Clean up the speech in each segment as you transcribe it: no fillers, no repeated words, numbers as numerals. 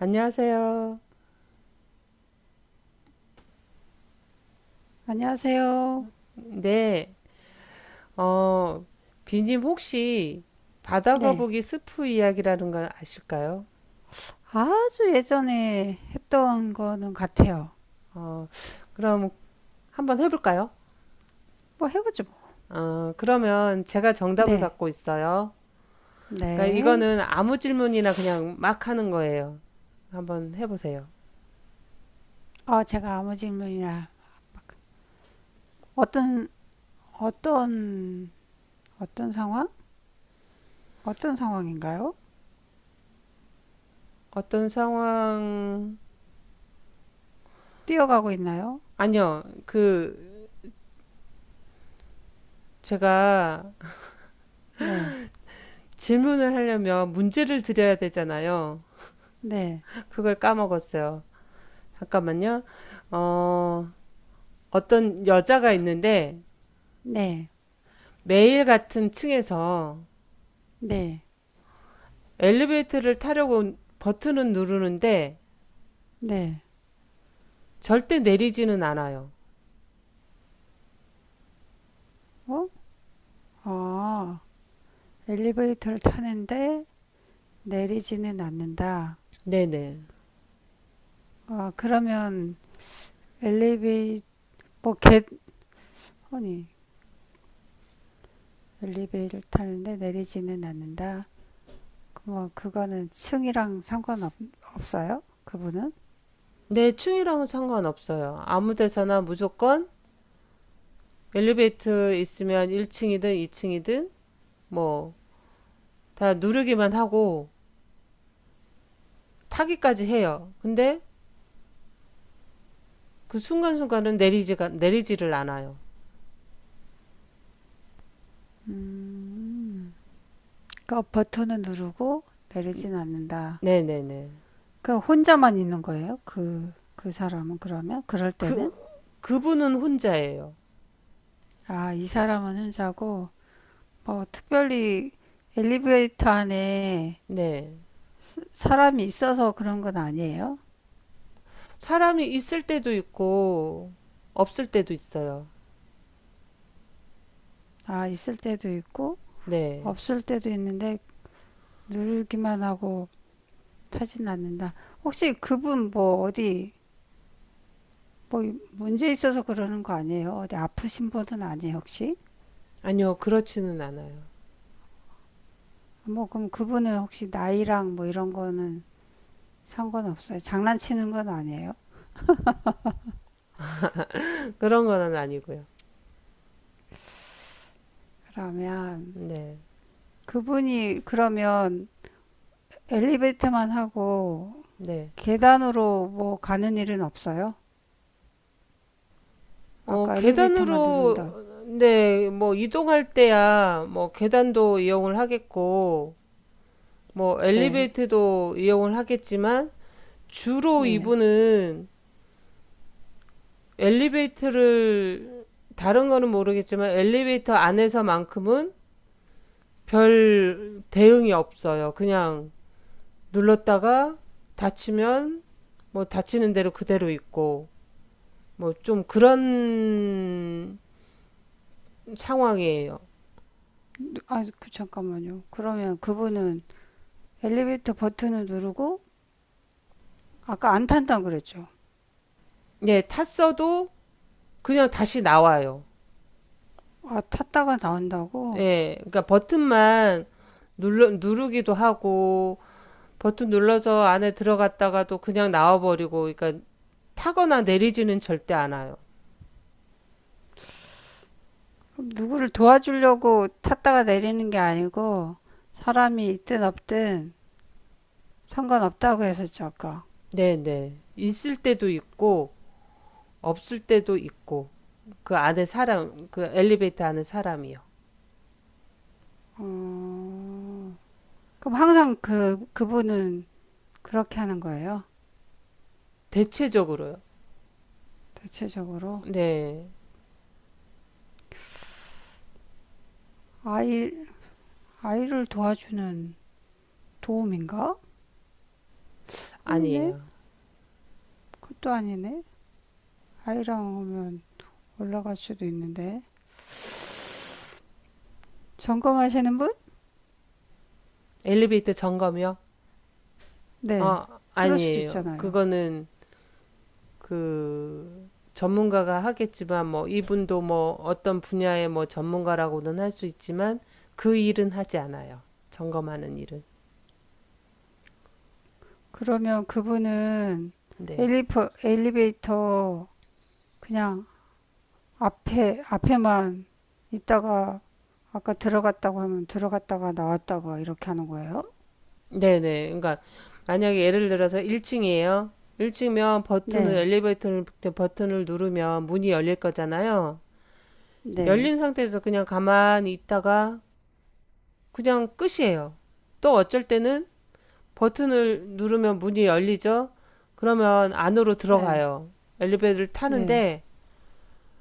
안녕하세요. 안녕하세요. 네, 어, 비님 혹시 네. 바다거북이 스프 이야기라는 걸 아실까요? 아주 예전에 했던 거는 같아요. 어, 그럼 한번 해볼까요? 뭐 해보죠, 뭐. 그러면 제가 정답을 네. 갖고 있어요. 그러니까 네. 이거는 아무 질문이나 그냥 막 하는 거예요. 한번 해보세요. 아, 제가 아무 질문이나 어떤, 어떤, 어떤 상황? 어떤 상황인가요? 어떤 상황, 뛰어가고 있나요? 아니요, 그, 제가 네. 질문을 하려면 문제를 드려야 되잖아요. 네. 그걸 까먹었어요. 잠깐만요. 어, 어떤 여자가 있는데 네. 매일 같은 층에서 네. 엘리베이터를 타려고 버튼은 누르는데 네. 절대 내리지는 않아요. 어? 아, 엘리베이터를 타는데 내리지는 않는다. 네네. 아, 그러면 엘리베이, 뭐, 개, 아니, 엘리베이터를 타는데 내리지는 않는다. 그뭐 그거는 층이랑 상관없 없어요? 그분은? 내 층이랑은 상관없어요. 아무 데서나 무조건 엘리베이터 있으면 1층이든 2층이든 뭐 다 누르기만 하고 타기까지 해요. 근데 그 순간순간은 내리지가 내리지를 않아요. 음. 그러니까 버튼은 누르고 내리지는 않는다. 네네네. 그 혼자만 있는 거예요? 그 사람은 그러면? 그럴 때는? 그 그분은 혼자예요. 아, 이 사람은 혼자고, 뭐, 특별히 엘리베이터 안에 네. 사람이 있어서 그런 건 아니에요? 사람이 있을 때도 있고 없을 때도 있어요. 아, 있을 때도 있고, 네. 없을 때도 있는데, 누르기만 하고 타진 않는다. 혹시 그분 뭐 어디 뭐 문제 있어서 그러는 거 아니에요? 어디 아프신 분은 아니에요, 혹시? 아니요, 그렇지는 않아요. 뭐 그럼 그분은 혹시 나이랑 뭐 이런 거는 상관없어요. 장난치는 건 아니에요? 그런 건 아니고요. 그러면 네. 그분이 그러면 엘리베이터만 하고 네. 계단으로 뭐 가는 일은 없어요? 어, 아까 엘리베이터만 누른다. 계단으로 네, 뭐 이동할 때야 뭐 계단도 이용을 하겠고 뭐 네. 엘리베이터도 이용을 하겠지만 주로 네. 이분은 엘리베이터를 다른 거는 모르겠지만 엘리베이터 안에서만큼은 별 대응이 없어요. 그냥 눌렀다가 다치면 뭐 다치는 대로 그대로 있고 뭐 좀 그런 상황이에요. 아, 그 잠깐만요. 그러면 그분은 엘리베이터 버튼을 누르고 아까 안 탄다 그랬죠? 예, 탔어도 그냥 다시 나와요. 아, 탔다가 나온다고? 예, 그러니까 버튼만 누르기도 하고 버튼 눌러서 안에 들어갔다가도 그냥 나와버리고 그러니까 타거나 내리지는 절대 않아요. 누구를 도와주려고 탔다가 내리는 게 아니고 사람이 있든 없든 상관없다고 했었죠, 아까. 네, 네. 있을 때도 있고 없을 때도 있고 그 안에 사람 그 엘리베이터 안에 사람이요. 그럼 항상 그분은 그렇게 하는 거예요? 대체적으로요. 대체적으로. 네. 아이, 아이를 도와주는 도움인가? 아니네. 아니에요. 그것도 아니네. 아이랑 오면 올라갈 수도 있는데. 점검하시는 분? 엘리베이터 점검이요? 네. 아, 그럴 수도 아니에요. 있잖아요. 그거는 그 전문가가 하겠지만 뭐 이분도 뭐 어떤 분야의 뭐 전문가라고는 할 수 있지만 그 일은 하지 않아요. 점검하는 일은. 그러면 그분은 네. 엘리베, 엘리베이터 그냥 앞에만 있다가 아까 들어갔다고 하면 들어갔다가 나왔다가 이렇게 하는 거예요? 네네. 그러니까 만약에 예를 들어서 1층이에요. 1층이면 버튼을 네, 엘리베이터 버튼을 누르면 문이 열릴 거잖아요. 네, 열린 상태에서 그냥 가만히 있다가 그냥 끝이에요. 또 어쩔 때는 버튼을 누르면 문이 열리죠? 그러면 안으로 네, 들어가요. 엘리베이터를 네, 타는데,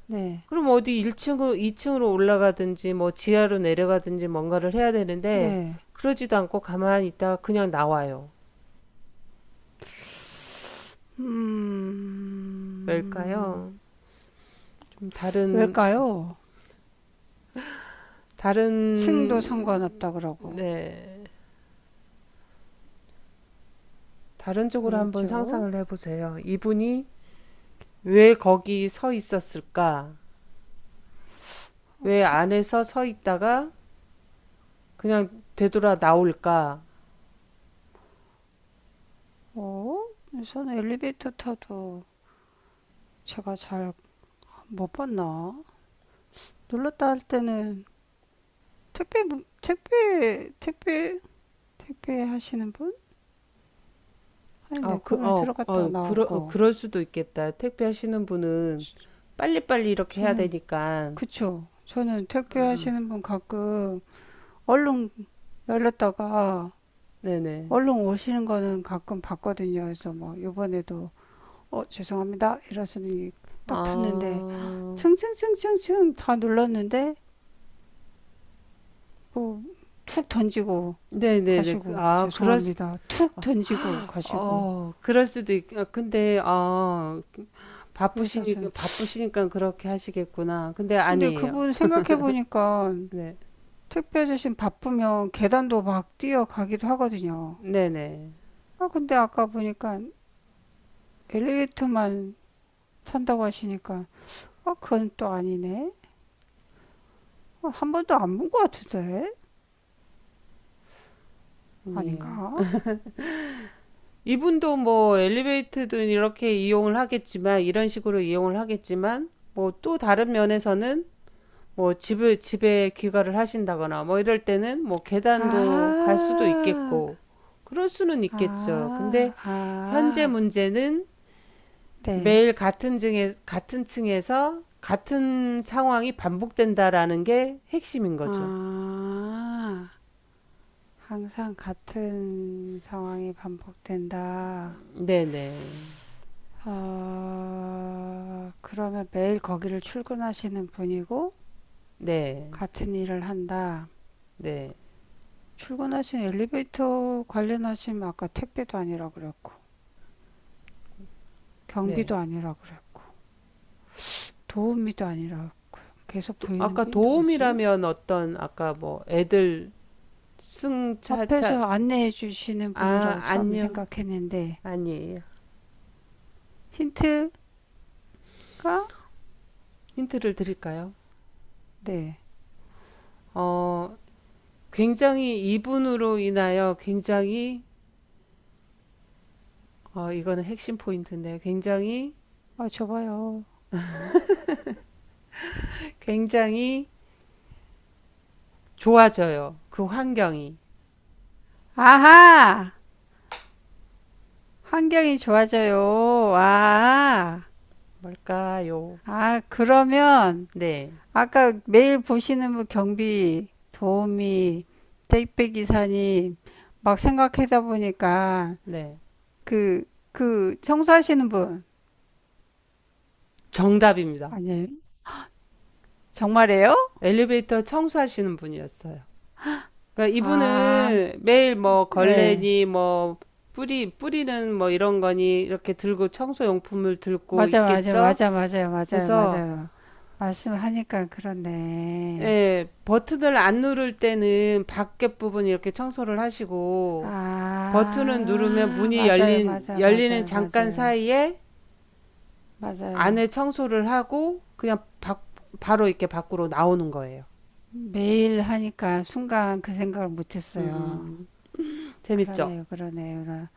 네, 그럼 어디 1층으로, 2층으로 올라가든지, 뭐 지하로 내려가든지 뭔가를 해야 되는데, 네. 그러지도 않고 가만히 있다가 그냥 나와요. 음, 왜일까요? 좀 다른, 왜일까요? 층도 다른, 상관없다 그러고. 네, 다른 쪽으로 한번 그렇죠. 상상을 해보세요. 이분이 왜 거기 서 있었을까? 왜 안에서 서 있다가 그냥 되돌아 나올까? 어? 우선 엘리베이터 타도 제가 잘 못 봤나? 눌렀다 할 때는 택배, 택배, 택배, 택배 하시는 분? 아니, 근데 그 분은 들어갔다가 나왔고. 그럴 수도 있겠다. 택배 하시는 분은 빨리빨리 이렇게 해야 저는, 되니까. 그쵸. 저는 택배 음, 하시는 분 가끔 얼른 열렸다가 네네. 얼른 오시는 거는 가끔 봤거든요. 그래서 뭐, 요번에도, 어, 죄송합니다. 이러서는 아, 딱 탔는데, 층층층층층 다 눌렀는데, 뭐, 툭 던지고 네네네. 가시고, 죄송합니다. 툭 던지고 가시고. 그럴 수도 있, 아, 근데, 아, 그래서 바쁘시니까, 저는, 바쁘시니까 그렇게 하시겠구나. 근데 근데 아니에요. 그분 생각해보니까 네. 택배 주신 바쁘면 계단도 막 뛰어가기도 하거든요. 네네. 아, 근데 아까 보니까 엘리베이터만 탄다고 하시니까, 아, 그건 또 아니네. 아, 한 번도 안 본 것 같은데? 아니에요. 아닌가? 이분도 뭐 엘리베이터도 이렇게 이용을 하겠지만, 이런 식으로 이용을 하겠지만, 뭐 또 다른 면에서는 뭐 집을 집에 귀가를 하신다거나 뭐 이럴 때는 뭐 계단도 갈 수도 아, 있겠고 그럴 수는 있겠죠. 아, 근데 현재 아, 문제는 네. 매일 같은 층에서 같은 상황이 반복된다라는 게 핵심인 거죠. 아, 항상 같은 상황이 반복된다. 네네. 네. 아, 그러면 매일 거기를 출근하시는 분이고, 네. 같은 일을 한다. 네. 출근하신 엘리베이터 관련하시면 아까 택배도 아니라 그랬고, 네. 경비도 아니라 그랬고, 도우미도 아니라 고 계속 또 보이는 아까 분이 누구지? 도움이라면 어떤 아까 뭐 애들 승차차 앞에서 안내해 주시는 아 분이라고 처음에 아니요. 생각했는데, 아니에요. 힌트가? 힌트를 드릴까요? 네. 어, 굉장히 이분으로 인하여 굉장히 이거는 핵심 포인트인데 굉장히 아, 저봐요 굉장히 좋아져요. 그 환경이 아하! 환경이 좋아져요. 아, 뭘까요? 아, 그러면 네, 아까 매일 보시는 뭐 경비, 도우미, 택배 기사님 막 생각하다 보니까 네 그, 그 청소하시는 분 정답입니다. 아니에요? 정말이에요? 엘리베이터 청소하시는 분이었어요. 그러니까 아, 이분은 매일 뭐 네. 걸레니 뭐 뿌리는 뭐 이런 거니 이렇게 들고 청소 용품을 들고 있겠죠. 맞아, 맞아요, 맞아요, 그래서 맞아요. 말씀하니까 그렇네. 예, 버튼을 안 누를 때는 밖에 부분 이렇게 청소를 하시고 버튼을 누르면 아, 열리는 맞아요, 잠깐 맞아요, 사이에 맞아요. 안에 청소를 하고 바로 이렇게 밖으로 나오는 거예요. 매일 하니까 순간 그 생각을 못했어요. 음, 재밌죠? 그러네요, 그러네요.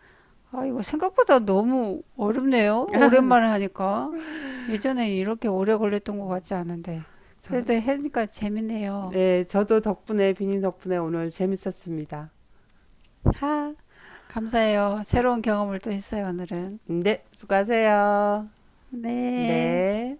아, 이거 생각보다 너무 어렵네요. 오랜만에 하니까. 예전에 이렇게 오래 걸렸던 것 같지 않은데. 저, 그래도 하니까 재밌네요. 네, 저도 덕분에, 비님 덕분에 오늘 재밌었습니다. 하, 감사해요. 아, 새로운 경험을 또 했어요, 오늘은. 네, 수고하세요. 네. 네.